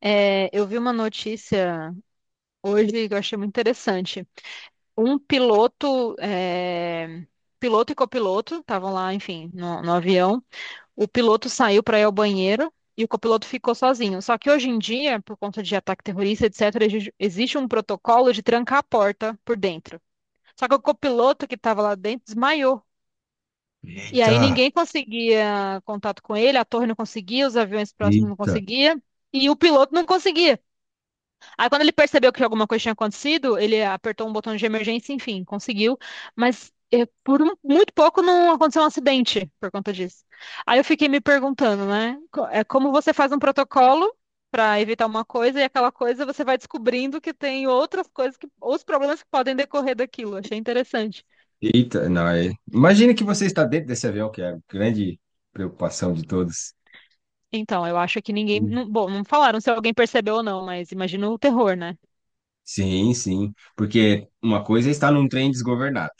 É, eu vi uma notícia hoje que eu achei muito interessante. Um piloto, piloto e copiloto estavam lá, enfim, no avião. O piloto saiu para ir ao banheiro e o copiloto ficou sozinho. Só que hoje em dia, por conta de ataque terrorista, etc., existe um protocolo de trancar a porta por dentro. Só que o copiloto que estava lá dentro desmaiou. E aí Eita, ninguém conseguia contato com ele, a torre não conseguia, os aviões próximos não eita, conseguiam, e o piloto não conseguia. Aí quando ele percebeu que alguma coisa tinha acontecido, ele apertou um botão de emergência, enfim, conseguiu. Mas muito pouco não aconteceu um acidente por conta disso. Aí eu fiquei me perguntando, né? É como você faz um protocolo para evitar uma coisa e aquela coisa você vai descobrindo que tem outras coisas que, ou os problemas que podem decorrer daquilo. Achei interessante. eita. Não, imagina que você está dentro desse avião, que é a grande preocupação de todos. Então, eu acho que ninguém, Sim, bom, não falaram se alguém percebeu ou não, mas imagina o terror, né? sim, sim. Porque uma coisa é estar num trem desgovernado,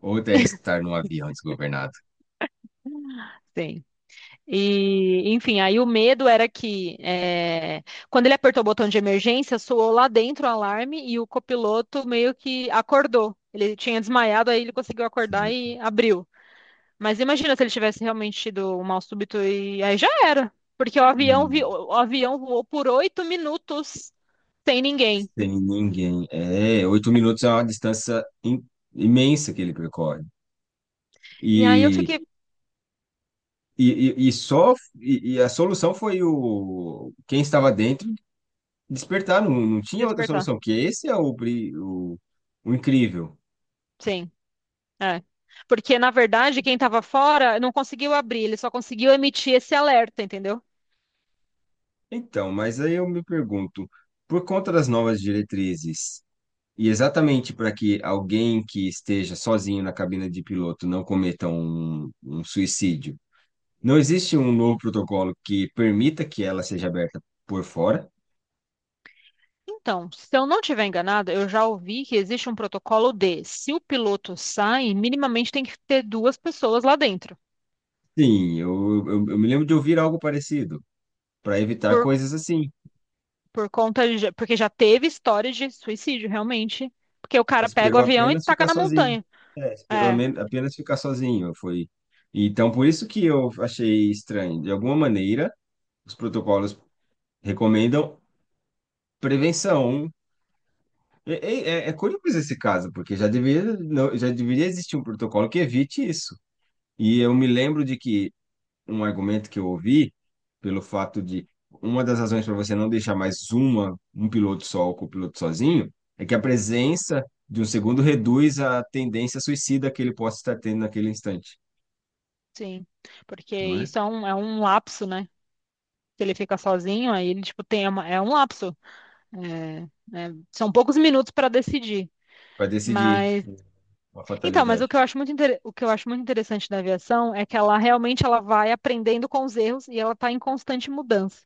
outra é estar num avião desgovernado. Sim. E, enfim, aí o medo era que quando ele apertou o botão de emergência, soou lá dentro o alarme e o copiloto meio que acordou. Ele tinha desmaiado, aí ele conseguiu acordar Certo. e abriu. Mas imagina se ele tivesse realmente tido um mal súbito e aí já era. Porque o E avião, o avião voou por 8 minutos sem ninguém. sem ninguém. É, oito minutos é uma distância imensa que ele percorre. E aí eu E, fiquei e só, e a solução foi o quem estava dentro. Despertar, não, não tinha outra despertar. solução, que esse é o incrível. Sim, é. Porque, na verdade, quem estava fora não conseguiu abrir, ele só conseguiu emitir esse alerta, entendeu? Então, mas aí eu me pergunto, por conta das novas diretrizes, e exatamente para que alguém que esteja sozinho na cabina de piloto não cometa um suicídio, não existe um novo protocolo que permita que ela seja aberta por fora? Então, se eu não estiver enganada, eu já ouvi que existe um protocolo de, se o piloto sai, minimamente tem que ter duas pessoas lá dentro. Sim, eu me lembro de ouvir algo parecido, para evitar Por, coisas assim. por conta de, porque já teve história de suicídio, realmente. Porque o cara pega o Esperou avião e apenas taca ficar na sozinho. montanha. É, esperou É, apenas ficar sozinho, foi. Então, por isso que eu achei estranho. De alguma maneira, os protocolos recomendam prevenção. É curioso esse caso, porque já deveria, já deveria existir um protocolo que evite isso. E eu me lembro de que um argumento que eu ouvi, pelo fato de uma das razões para você não deixar mais um piloto só ou copiloto sozinho, é que a presença de um segundo reduz a tendência suicida que ele possa estar tendo naquele instante, sim. Porque não é? isso é um, lapso, né? Se ele fica sozinho, aí ele, tipo, é um lapso. É, né? São poucos minutos para decidir. Para decidir Mas uma Então, mas fatalidade. O que eu acho muito interessante da aviação é que ela realmente ela vai aprendendo com os erros e ela está em constante mudança.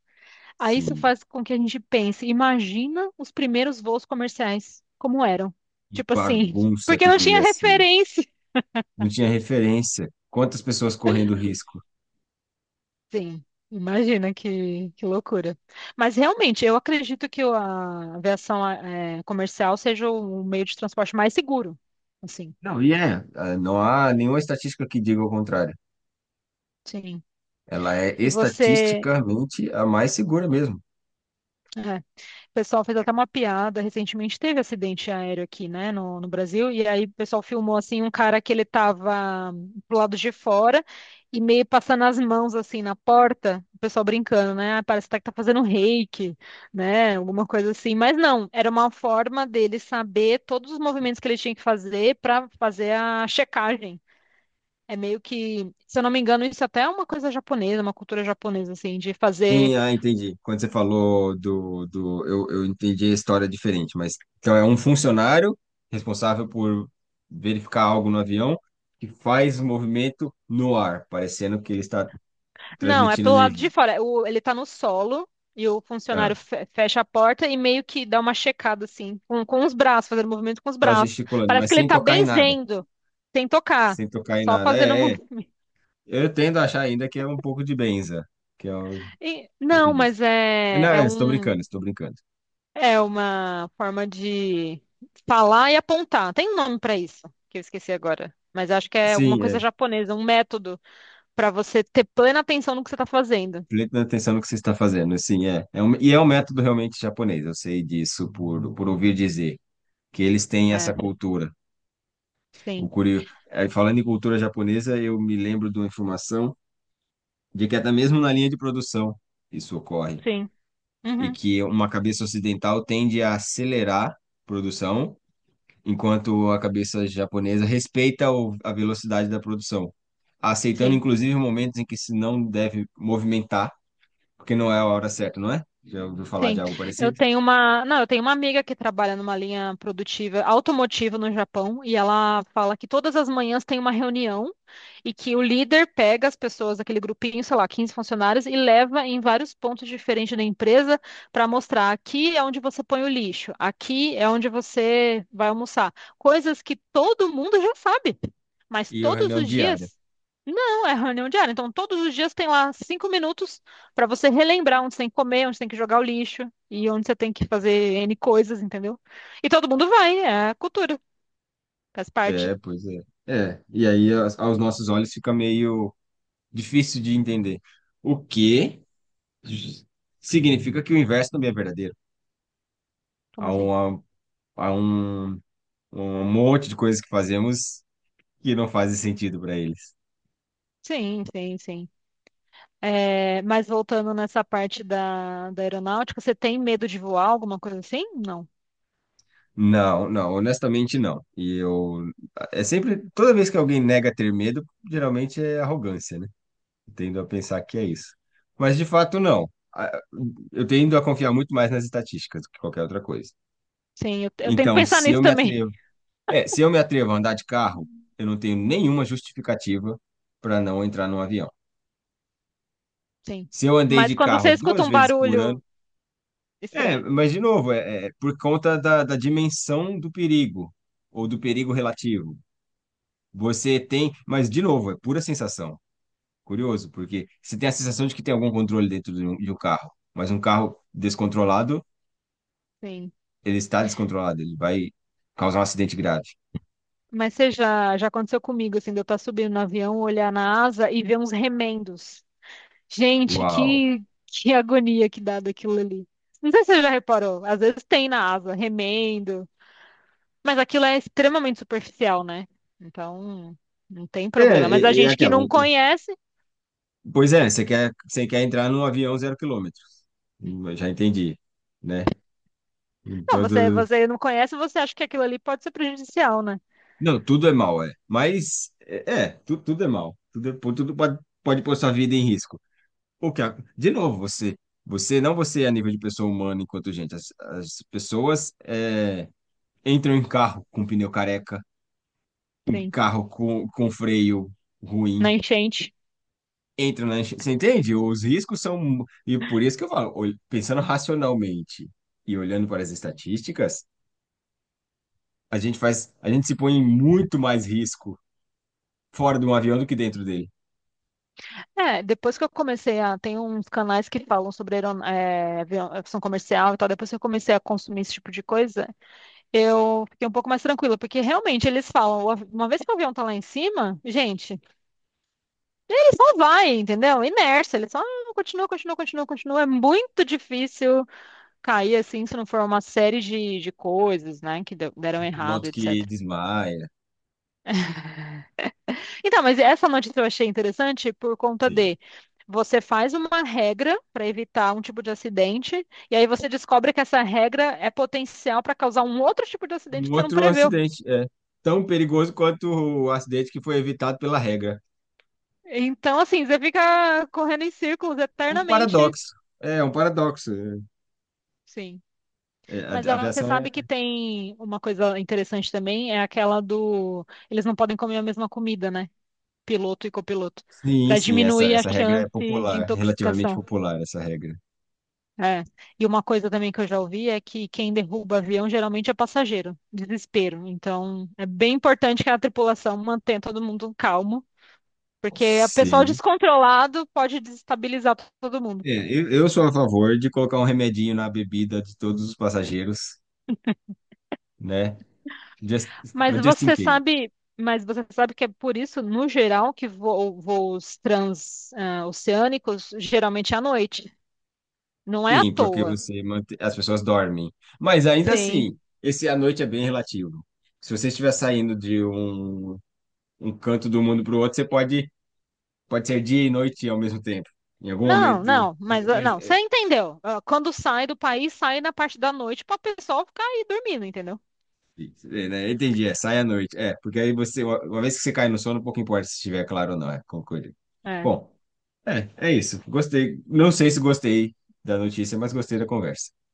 Aí isso Sim. faz com que a gente pense, imagina os primeiros voos comerciais, como eram? E Tipo assim, bagunça porque que não tinha devia ser. referência. Não tinha referência. Quantas pessoas correndo risco? Sim, imagina que loucura. Mas realmente, eu acredito que a aviação comercial seja o meio de transporte mais seguro. Assim, Não, e é, ah, não há nenhuma estatística que diga o contrário. sim. Ela é E você. estatisticamente a mais segura mesmo. é, O pessoal fez até uma piada. Recentemente teve acidente aéreo aqui, né, no Brasil. E aí o pessoal filmou assim um cara que ele tava pro lado de fora e meio passando as mãos assim na porta. O pessoal brincando, né? "Ah, parece até que tá fazendo reiki, né? Alguma coisa assim." Mas não, era uma forma dele saber todos os movimentos que ele tinha que fazer para fazer a checagem. É meio que, se eu não me engano, isso até é uma coisa japonesa, uma cultura japonesa, assim, de fazer. Sim, ah, entendi. Quando você falou do eu entendi a história diferente, mas então é um funcionário responsável por verificar algo no avião que faz movimento no ar, parecendo que ele está Não, é transmitindo pelo lado energia. de fora. Ele tá no solo e o funcionário Ah, fecha a porta e meio que dá uma checada, assim, com os braços, fazendo movimento com os só braços. gesticulando, Parece mas que ele sem tá tocar em nada. benzendo, sem tocar, Sem tocar em só nada. fazendo É, é. movimento. Eu tendo a achar ainda que é um pouco de benza, que é um pouco Não, disso. mas É, não, é, estou brincando, estou brincando. é uma forma de falar e apontar. Tem um nome pra isso, que eu esqueci agora. Mas acho que é alguma Sim, é, coisa japonesa, um método pra você ter plena atenção no que você tá fazendo. prestando atenção no que você está fazendo, assim, é. E é um método realmente japonês, eu sei disso por ouvir dizer, que eles têm É, essa cultura. O sim, curio... Falando em cultura japonesa, eu me lembro de uma informação de que até mesmo na linha de produção isso ocorre, sim. e Uhum, que uma cabeça ocidental tende a acelerar a produção, enquanto a cabeça japonesa respeita a velocidade da produção, aceitando sim. inclusive momentos em que se não deve movimentar, porque não é a hora certa, não é? Já ouviu falar de Sim, algo eu parecido? tenho uma, não, eu tenho uma amiga que trabalha numa linha produtiva automotiva no Japão e ela fala que todas as manhãs tem uma reunião e que o líder pega as pessoas daquele grupinho, sei lá, 15 funcionários e leva em vários pontos diferentes da empresa para mostrar aqui é onde você põe o lixo, aqui é onde você vai almoçar, coisas que todo mundo já sabe, mas E a todos reunião os diária. dias não, é reunião diária, então todos os dias tem lá 5 minutos para você relembrar onde você tem que comer, onde você tem que jogar o lixo e onde você tem que fazer N coisas, entendeu? E todo mundo vai, é a cultura, faz parte. É, pois é. É, e aí aos nossos olhos fica meio difícil de entender. O que significa que o inverso também é verdadeiro. Como Há assim? um, há um monte de coisas que fazemos que não fazem sentido para eles. Sim, sim, sim. É, mas voltando nessa parte da aeronáutica, você tem medo de voar, alguma coisa assim? Não. Não, não, honestamente não. E eu. É sempre. Toda vez que alguém nega ter medo, geralmente é arrogância, né? Eu tendo a pensar que é isso. Mas de fato, não. Eu tendo a confiar muito mais nas estatísticas do que qualquer outra coisa. Sim, eu tento Então, pensar se nisso eu me também. atrevo, se eu me atrevo a andar de carro, eu não tenho nenhuma justificativa para não entrar num avião. Sim. Se eu andei Mas de quando você carro escuta duas um vezes por ano, barulho é, estranho, mas de novo, é por conta da dimensão do perigo ou do perigo relativo. Você tem, mas de novo, é pura sensação. Curioso, porque você tem a sensação de que tem algum controle dentro de um carro, mas um carro descontrolado, sim. ele está descontrolado, ele vai causar um acidente grave. Mas já aconteceu comigo, assim, de eu estar subindo no avião, olhar na asa e ver uns remendos. Gente, Uau. que agonia que dá daquilo ali. Não sei se você já reparou, às vezes tem na asa, remendo, mas aquilo é extremamente superficial, né? Então, não tem É, problema. Mas a é, é gente que aquela. não um, conhece, Pois é, você quer entrar num avião zero quilômetro. Eu já entendi, né? Em não, você, todo... você não conhece, você acha que aquilo ali pode ser prejudicial, né? Não, tudo é mal, é. Mas, tudo é mal. Tudo, tudo pode pôr sua vida em risco. O que, de novo, você, não você é a nível de pessoa humana enquanto gente. As pessoas entram em carro com pneu careca, em Sim, carro com freio na ruim, enchente. Você entende? Os riscos são. E por isso que eu falo, pensando racionalmente e olhando para as estatísticas, a gente se põe em muito mais risco fora de um avião do que dentro dele. É, depois que eu comecei a. Tem uns canais que falam sobre aviação comercial e tal. Depois que eu comecei a consumir esse tipo de coisa, eu fiquei um pouco mais tranquila, porque realmente eles falam, uma vez que o avião tá lá em cima, gente, ele só vai, entendeu? Inércia, ele só continua, continua, continua, continua. É muito difícil cair assim, se não for uma série de coisas, né, que deram Um errado, piloto que etc. desmaia, Então, mas essa notícia eu achei interessante por conta sim. de você faz uma regra para evitar um tipo de acidente, e aí você descobre que essa regra é potencial para causar um outro tipo de acidente Um que você não outro preveu. acidente é tão perigoso quanto o acidente que foi evitado pela regra. Então, assim, você fica correndo em círculos É um eternamente. paradoxo. É um paradoxo. Sim. É, a Mas a ó, você aviação é. sabe que é. tem uma coisa interessante também, é aquela do. Eles não podem comer a mesma comida, né? Piloto e copiloto. Sim, Para sim, essa, diminuir a essa regra é chance de popular, relativamente intoxicação. popular, essa regra. É. E uma coisa também que eu já ouvi é que quem derruba avião geralmente é passageiro. Desespero. Então, é bem importante que a tripulação mantenha todo mundo calmo, porque o pessoal Sim. descontrolado pode desestabilizar todo mundo. É, eu sou a favor de colocar um remedinho na bebida de todos os passageiros, né? Just, é Mas o just in você case. sabe, mas você sabe que é por isso, no geral, que voos transoceânicos geralmente é à noite. Não é à Sim, porque toa. você mantém, as pessoas dormem. Mas ainda Sim. assim, esse à noite é bem relativo. Se você estiver saindo de um canto do mundo para o outro, você pode ser dia e noite ao mesmo tempo. Em algum Não, momento. não, Mas, mas mas, não, você é, entendeu. Ah, quando sai do país, sai na parte da noite para o pessoal ficar aí dormindo, entendeu? é, né? Entendi, sai à noite. É, porque aí você, uma vez que você cai no sono, pouco importa se estiver claro ou não, concordo. É. Bom. É, é isso. Gostei. Não sei se gostei da notícia, mas gostei da conversa.